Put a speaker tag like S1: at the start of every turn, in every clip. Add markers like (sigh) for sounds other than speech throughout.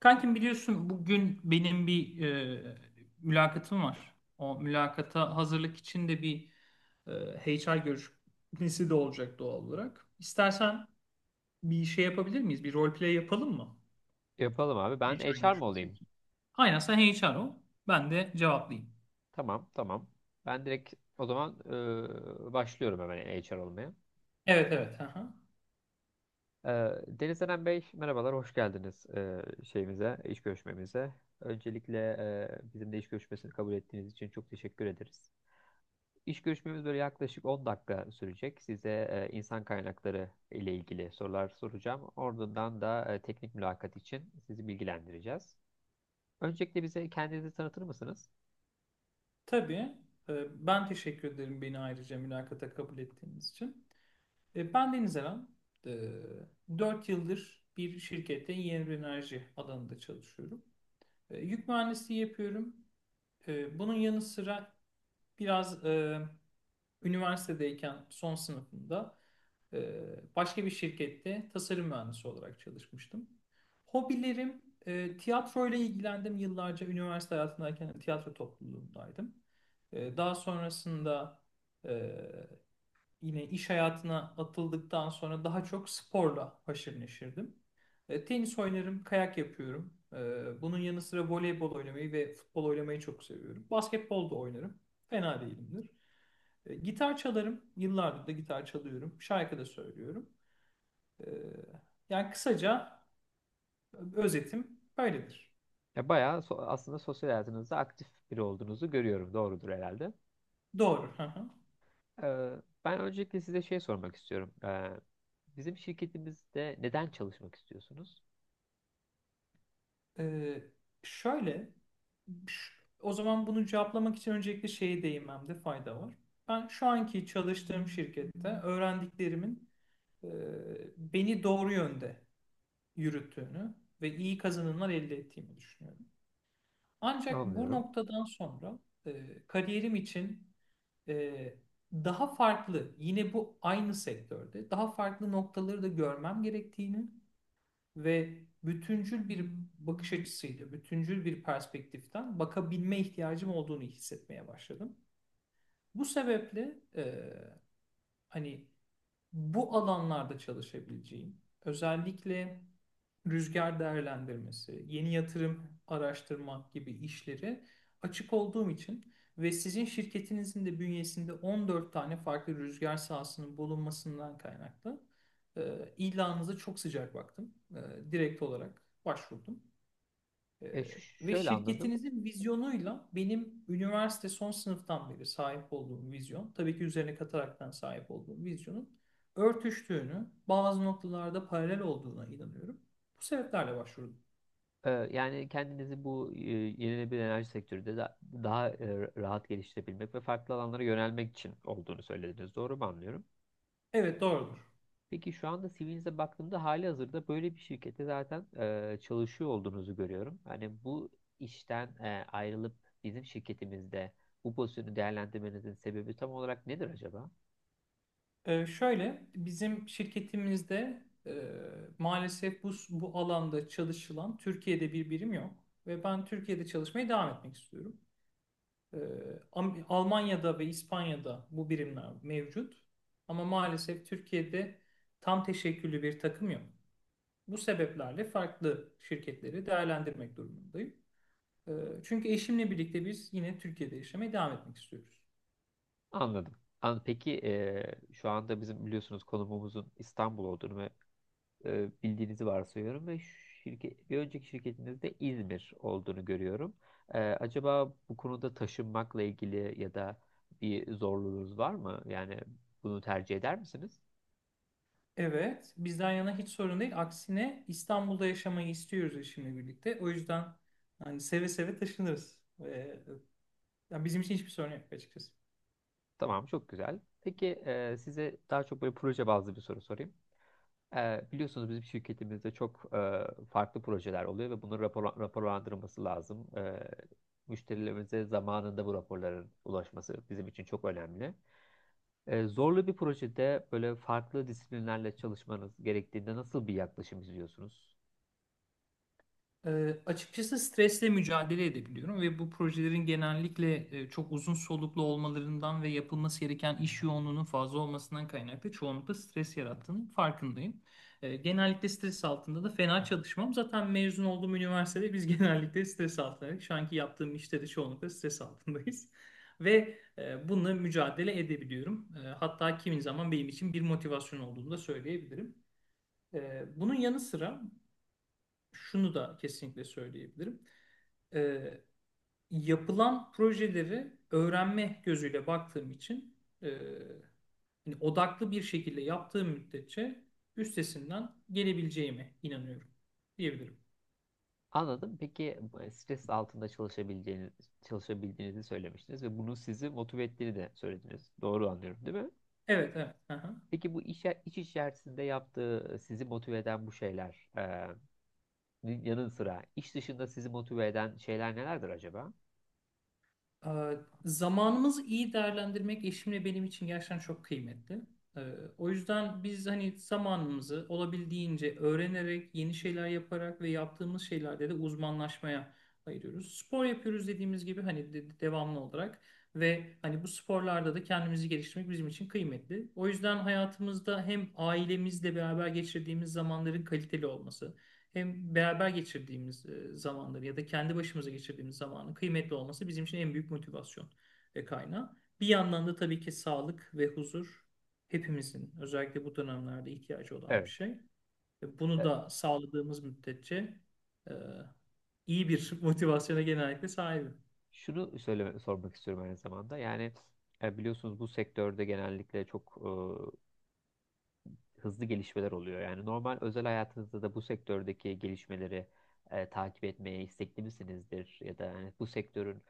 S1: Kankim biliyorsun bugün benim bir mülakatım var. O mülakata hazırlık için de bir e, HR görüşmesi de olacak doğal olarak. İstersen bir şey yapabilir miyiz? Bir role play yapalım mı?
S2: Yapalım abi. Ben
S1: HR
S2: HR mı
S1: görüşmesi
S2: olayım?
S1: için. Aynen sen HR ol. Ben de cevaplayayım.
S2: Tamam. Ben direkt o zaman başlıyorum hemen HR olmaya.
S1: Evet evet. Aha.
S2: E, Deniz Eren Bey, merhabalar, hoş geldiniz, şeyimize, iş görüşmemize. Öncelikle bizimle iş görüşmesini kabul ettiğiniz için çok teşekkür ederiz. İş görüşmemiz böyle yaklaşık 10 dakika sürecek. Size insan kaynakları ile ilgili sorular soracağım. Ardından da teknik mülakat için sizi bilgilendireceğiz. Öncelikle bize kendinizi tanıtır mısınız?
S1: Tabii. Ben teşekkür ederim beni ayrıca mülakata kabul ettiğiniz için. Ben Deniz Eren. E, 4 yıldır bir şirkette yeni enerji alanında çalışıyorum. Yük mühendisliği yapıyorum. Bunun yanı sıra biraz üniversitedeyken son sınıfımda e, başka bir şirkette tasarım mühendisi olarak çalışmıştım. Hobilerim tiyatro ilgilendim, yıllarca üniversite hayatındayken tiyatro topluluğundaydım. Daha sonrasında e, yine iş hayatına atıldıktan sonra daha çok sporla haşır neşirdim. Tenis oynarım, kayak yapıyorum. Bunun yanı sıra voleybol oynamayı ve futbol oynamayı çok seviyorum. Basketbol da oynarım. Fena değilimdir. Gitar çalarım. Yıllardır da gitar çalıyorum. Şarkı da söylüyorum. E, yani kısaca özetim böyledir.
S2: Ya bayağı aslında sosyal hayatınızda aktif biri olduğunuzu görüyorum. Doğrudur herhalde.
S1: Doğru. Hı hı.
S2: Ee, ben öncelikle size şey sormak istiyorum. Bizim şirketimizde neden çalışmak istiyorsunuz?
S1: E, şöyle... O zaman bunu cevaplamak için öncelikle şeye değinmemde fayda var. Ben şu anki çalıştığım şirkette öğrendiklerimin e, beni doğru yönde yürüttüğünü ve iyi kazanımlar elde ettiğimi düşünüyorum. Ancak bu
S2: Anlıyorum.
S1: noktadan sonra kariyerim için e, daha farklı, yine bu aynı sektörde daha farklı noktaları da görmem gerektiğini ve bütüncül bir bakış açısıyla, bütüncül bir perspektiften bakabilme ihtiyacım olduğunu hissetmeye başladım. Bu sebeple hani bu alanlarda çalışabileceğim, özellikle rüzgar değerlendirmesi, yeni yatırım araştırma gibi işleri açık olduğum için ve sizin şirketinizin de bünyesinde 14 tane farklı rüzgar sahasının bulunmasından kaynaklı ilanınıza çok sıcak baktım. Direkt olarak başvurdum. Ee,
S2: E, şu
S1: ve
S2: şöyle anladım.
S1: şirketinizin vizyonuyla benim üniversite son sınıftan beri sahip olduğum vizyon, tabii ki üzerine kataraktan sahip olduğum vizyonun örtüştüğünü, bazı noktalarda paralel olduğuna inanıyorum. Bu sebeplerle başvurdum.
S2: Yani kendinizi bu yenilenebilir enerji sektöründe daha rahat geliştirebilmek ve farklı alanlara yönelmek için olduğunu söylediniz. Doğru mu anlıyorum?
S1: Evet, doğrudur.
S2: Peki şu anda CV'nize baktığımda hali hazırda böyle bir şirkette zaten çalışıyor olduğunuzu görüyorum. Hani bu işten ayrılıp bizim şirketimizde bu pozisyonu değerlendirmenizin sebebi tam olarak nedir acaba?
S1: Şöyle bizim şirketimizde maalesef bu alanda çalışılan Türkiye'de bir birim yok. Ve ben Türkiye'de çalışmaya devam etmek istiyorum. Ee, Almanya'da ve İspanya'da bu birimler mevcut. Ama maalesef Türkiye'de tam teşekküllü bir takım yok. Bu sebeplerle farklı şirketleri değerlendirmek durumundayım. Ee, Çünkü eşimle birlikte biz yine Türkiye'de yaşamaya devam etmek istiyoruz.
S2: Anladım. Peki şu anda bizim biliyorsunuz konumumuzun İstanbul olduğunu ve bildiğinizi varsayıyorum ve şirket, bir önceki şirketinizde İzmir olduğunu görüyorum. E, acaba bu konuda taşınmakla ilgili ya da bir zorluğunuz var mı? Yani bunu tercih eder misiniz?
S1: Evet, bizden yana hiç sorun değil. Aksine İstanbul'da yaşamayı istiyoruz eşimle birlikte. O yüzden hani seve seve taşınırız. Yani bizim için hiçbir sorun yok açıkçası.
S2: Tamam, çok güzel. Peki size daha çok böyle proje bazlı bir soru sorayım. E, biliyorsunuz bizim şirketimizde çok farklı projeler oluyor ve bunun raporlandırılması lazım. E, müşterilerimize zamanında bu raporların ulaşması bizim için çok önemli. E, zorlu bir projede böyle farklı disiplinlerle çalışmanız gerektiğinde nasıl bir yaklaşım izliyorsunuz?
S1: Açıkçası stresle mücadele edebiliyorum ve bu projelerin genellikle çok uzun soluklu olmalarından ve yapılması gereken iş yoğunluğunun fazla olmasından kaynaklı çoğunlukla stres yarattığının farkındayım. Genellikle stres altında da fena çalışmam. Zaten mezun olduğum üniversitede biz (laughs) genellikle stres altındaydık. Şu anki yaptığım işte de çoğunlukla stres altındayız. (laughs) Ve bununla mücadele edebiliyorum. Hatta kimi zaman benim için bir motivasyon olduğunu da söyleyebilirim. Bunun yanı sıra şunu da kesinlikle söyleyebilirim: e, yapılan projeleri öğrenme gözüyle baktığım için e, hani odaklı bir şekilde yaptığım müddetçe üstesinden gelebileceğime inanıyorum diyebilirim.
S2: Anladım. Peki stres altında çalışabildiğinizi söylemiştiniz ve bunun sizi motive ettiğini de söylediniz. Doğru anlıyorum, değil mi?
S1: Evet, evet. Aha.
S2: Peki bu iş içerisinde yaptığı sizi motive eden bu şeyler yanı sıra iş dışında sizi motive eden şeyler nelerdir acaba?
S1: Ee, Zamanımızı iyi değerlendirmek eşimle benim için gerçekten çok kıymetli. Ee, O yüzden biz hani zamanımızı olabildiğince öğrenerek, yeni şeyler yaparak ve yaptığımız şeylerde de uzmanlaşmaya ayırıyoruz. Spor yapıyoruz dediğimiz gibi hani devamlı olarak, ve hani bu sporlarda da kendimizi geliştirmek bizim için kıymetli. O yüzden hayatımızda hem ailemizle beraber geçirdiğimiz zamanların kaliteli olması, hem beraber geçirdiğimiz zamanları ya da kendi başımıza geçirdiğimiz zamanın kıymetli olması bizim için en büyük motivasyon ve kaynağı. Bir yandan da tabii ki sağlık ve huzur hepimizin özellikle bu dönemlerde ihtiyacı olan
S2: Evet.
S1: bir şey. Ve bunu
S2: E,
S1: da sağladığımız müddetçe e, iyi bir (laughs) motivasyona genellikle sahibim.
S2: şunu sormak istiyorum aynı zamanda. Yani biliyorsunuz bu sektörde genellikle çok hızlı gelişmeler oluyor. Yani normal özel hayatınızda da bu sektördeki gelişmeleri takip etmeye istekli misinizdir? Ya da yani bu sektörün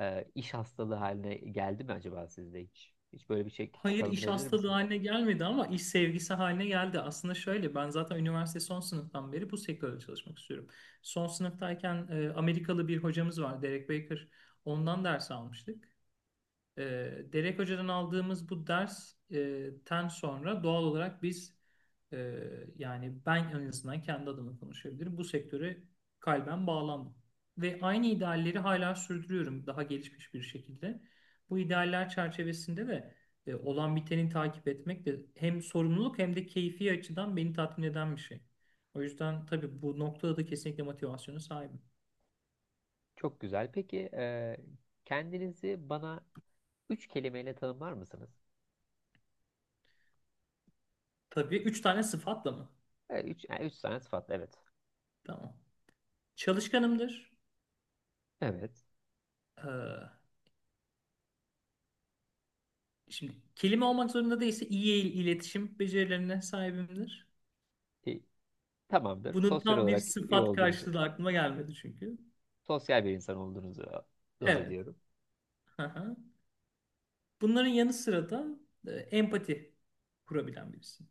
S2: iş hastalığı haline geldi mi acaba sizde hiç? Hiç böyle bir şey
S1: Hayır, iş
S2: tanımlayabilir
S1: hastalığı
S2: misiniz?
S1: haline gelmedi ama iş sevgisi haline geldi. Aslında şöyle: ben zaten üniversite son sınıftan beri bu sektörde çalışmak istiyorum. Son sınıftayken Amerikalı bir hocamız var, Derek Baker. Ondan ders almıştık. E, Derek Hoca'dan aldığımız bu dersten sonra doğal olarak biz, e, yani ben en azından kendi adıma konuşabilirim, bu sektöre kalben bağlandım. Ve aynı idealleri hala sürdürüyorum, daha gelişmiş bir şekilde. Bu idealler çerçevesinde de olan biteni takip etmek de hem sorumluluk hem de keyfi açıdan beni tatmin eden bir şey. O yüzden tabii bu noktada da kesinlikle motivasyona sahibim.
S2: Çok güzel. Peki kendinizi bana üç kelimeyle tanımlar mısınız?
S1: Tabii, üç tane sıfatla mı?
S2: E, üç, yani üç tane sıfat, evet.
S1: Tamam. Çalışkanımdır.
S2: Evet.
S1: Ee, Şimdi kelime olmak zorunda değilse, iyi iletişim becerilerine sahibimdir.
S2: E, tamamdır.
S1: Bunun
S2: Sosyal
S1: tam bir
S2: olarak iyi
S1: sıfat
S2: olduğunuzu,
S1: karşılığı da aklıma gelmedi çünkü.
S2: sosyal bir insan olduğunuzu not
S1: Evet.
S2: ediyorum.
S1: Aha. Bunların yanı sıra da empati kurabilen birisi.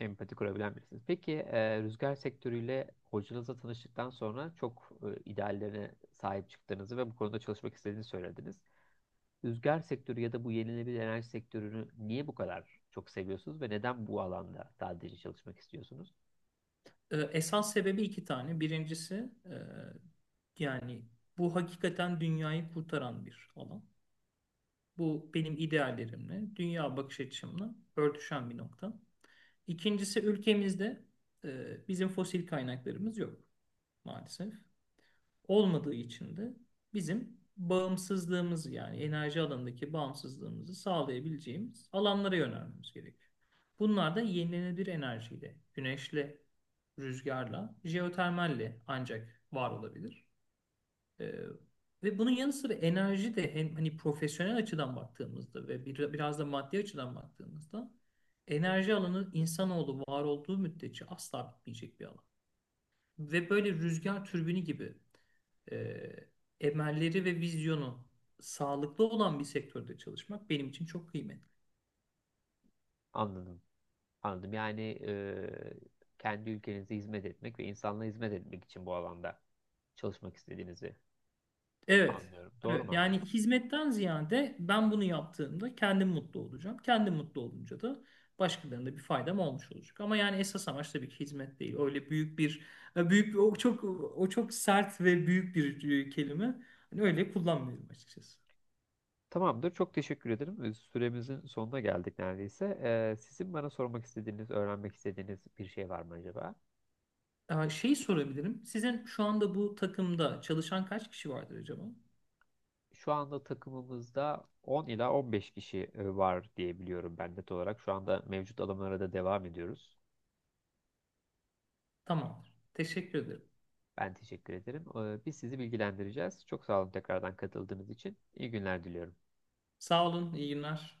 S2: Empati kurabilen birisiniz. Peki rüzgar sektörüyle hocanızla tanıştıktan sonra çok ideallerine sahip çıktığınızı ve bu konuda çalışmak istediğinizi söylediniz. Rüzgar sektörü ya da bu yenilenebilir enerji sektörünü niye bu kadar çok seviyorsunuz ve neden bu alanda sadece çalışmak istiyorsunuz?
S1: Esas sebebi iki tane. Birincisi, e, yani bu hakikaten dünyayı kurtaran bir alan. Bu benim ideallerimle, dünya bakış açımla örtüşen bir nokta. İkincisi, ülkemizde bizim fosil kaynaklarımız yok maalesef. Olmadığı için de bizim bağımsızlığımız, yani enerji alanındaki bağımsızlığımızı sağlayabileceğimiz alanlara yönelmemiz gerekiyor. Bunlar da yenilenebilir enerjiyle, güneşle, rüzgarla, jeotermalle ancak var olabilir. Ee, ve bunun yanı sıra enerji de, hem hani profesyonel açıdan baktığımızda ve bir, biraz da maddi açıdan baktığımızda, enerji alanı insanoğlu var olduğu müddetçe asla bitmeyecek bir alan. Ve böyle rüzgar türbini gibi e, emelleri ve vizyonu sağlıklı olan bir sektörde çalışmak benim için çok kıymetli.
S2: Anladım. Anladım. Yani e, kendi ülkenize hizmet etmek ve insanlığa hizmet etmek için bu alanda çalışmak istediğinizi
S1: Evet,
S2: anlıyorum. Doğru mu
S1: evet. Yani
S2: anladım?
S1: hizmetten ziyade, ben bunu yaptığımda kendim mutlu olacağım. Kendim mutlu olunca da başkalarına da bir faydam olmuş olacak. Ama yani esas amaç tabii ki hizmet değil. Öyle büyük bir, e, büyük bir- o çok o çok sert ve büyük bir kelime. Hani öyle kullanmıyorum açıkçası.
S2: Tamamdır. Çok teşekkür ederim. Süremizin sonuna geldik neredeyse. Sizin bana sormak istediğiniz, öğrenmek istediğiniz bir şey var mı acaba?
S1: Şeyi sorabilirim. Sizin şu anda bu takımda çalışan kaç kişi vardır acaba?
S2: Şu anda takımımızda 10 ila 15 kişi var diye biliyorum ben net olarak. Şu anda mevcut alımlara da devam ediyoruz.
S1: Tamamdır. Teşekkür ederim.
S2: Ben teşekkür ederim. Biz sizi bilgilendireceğiz. Çok sağ olun tekrardan katıldığınız için. İyi günler diliyorum.
S1: Sağ olun. İyi günler.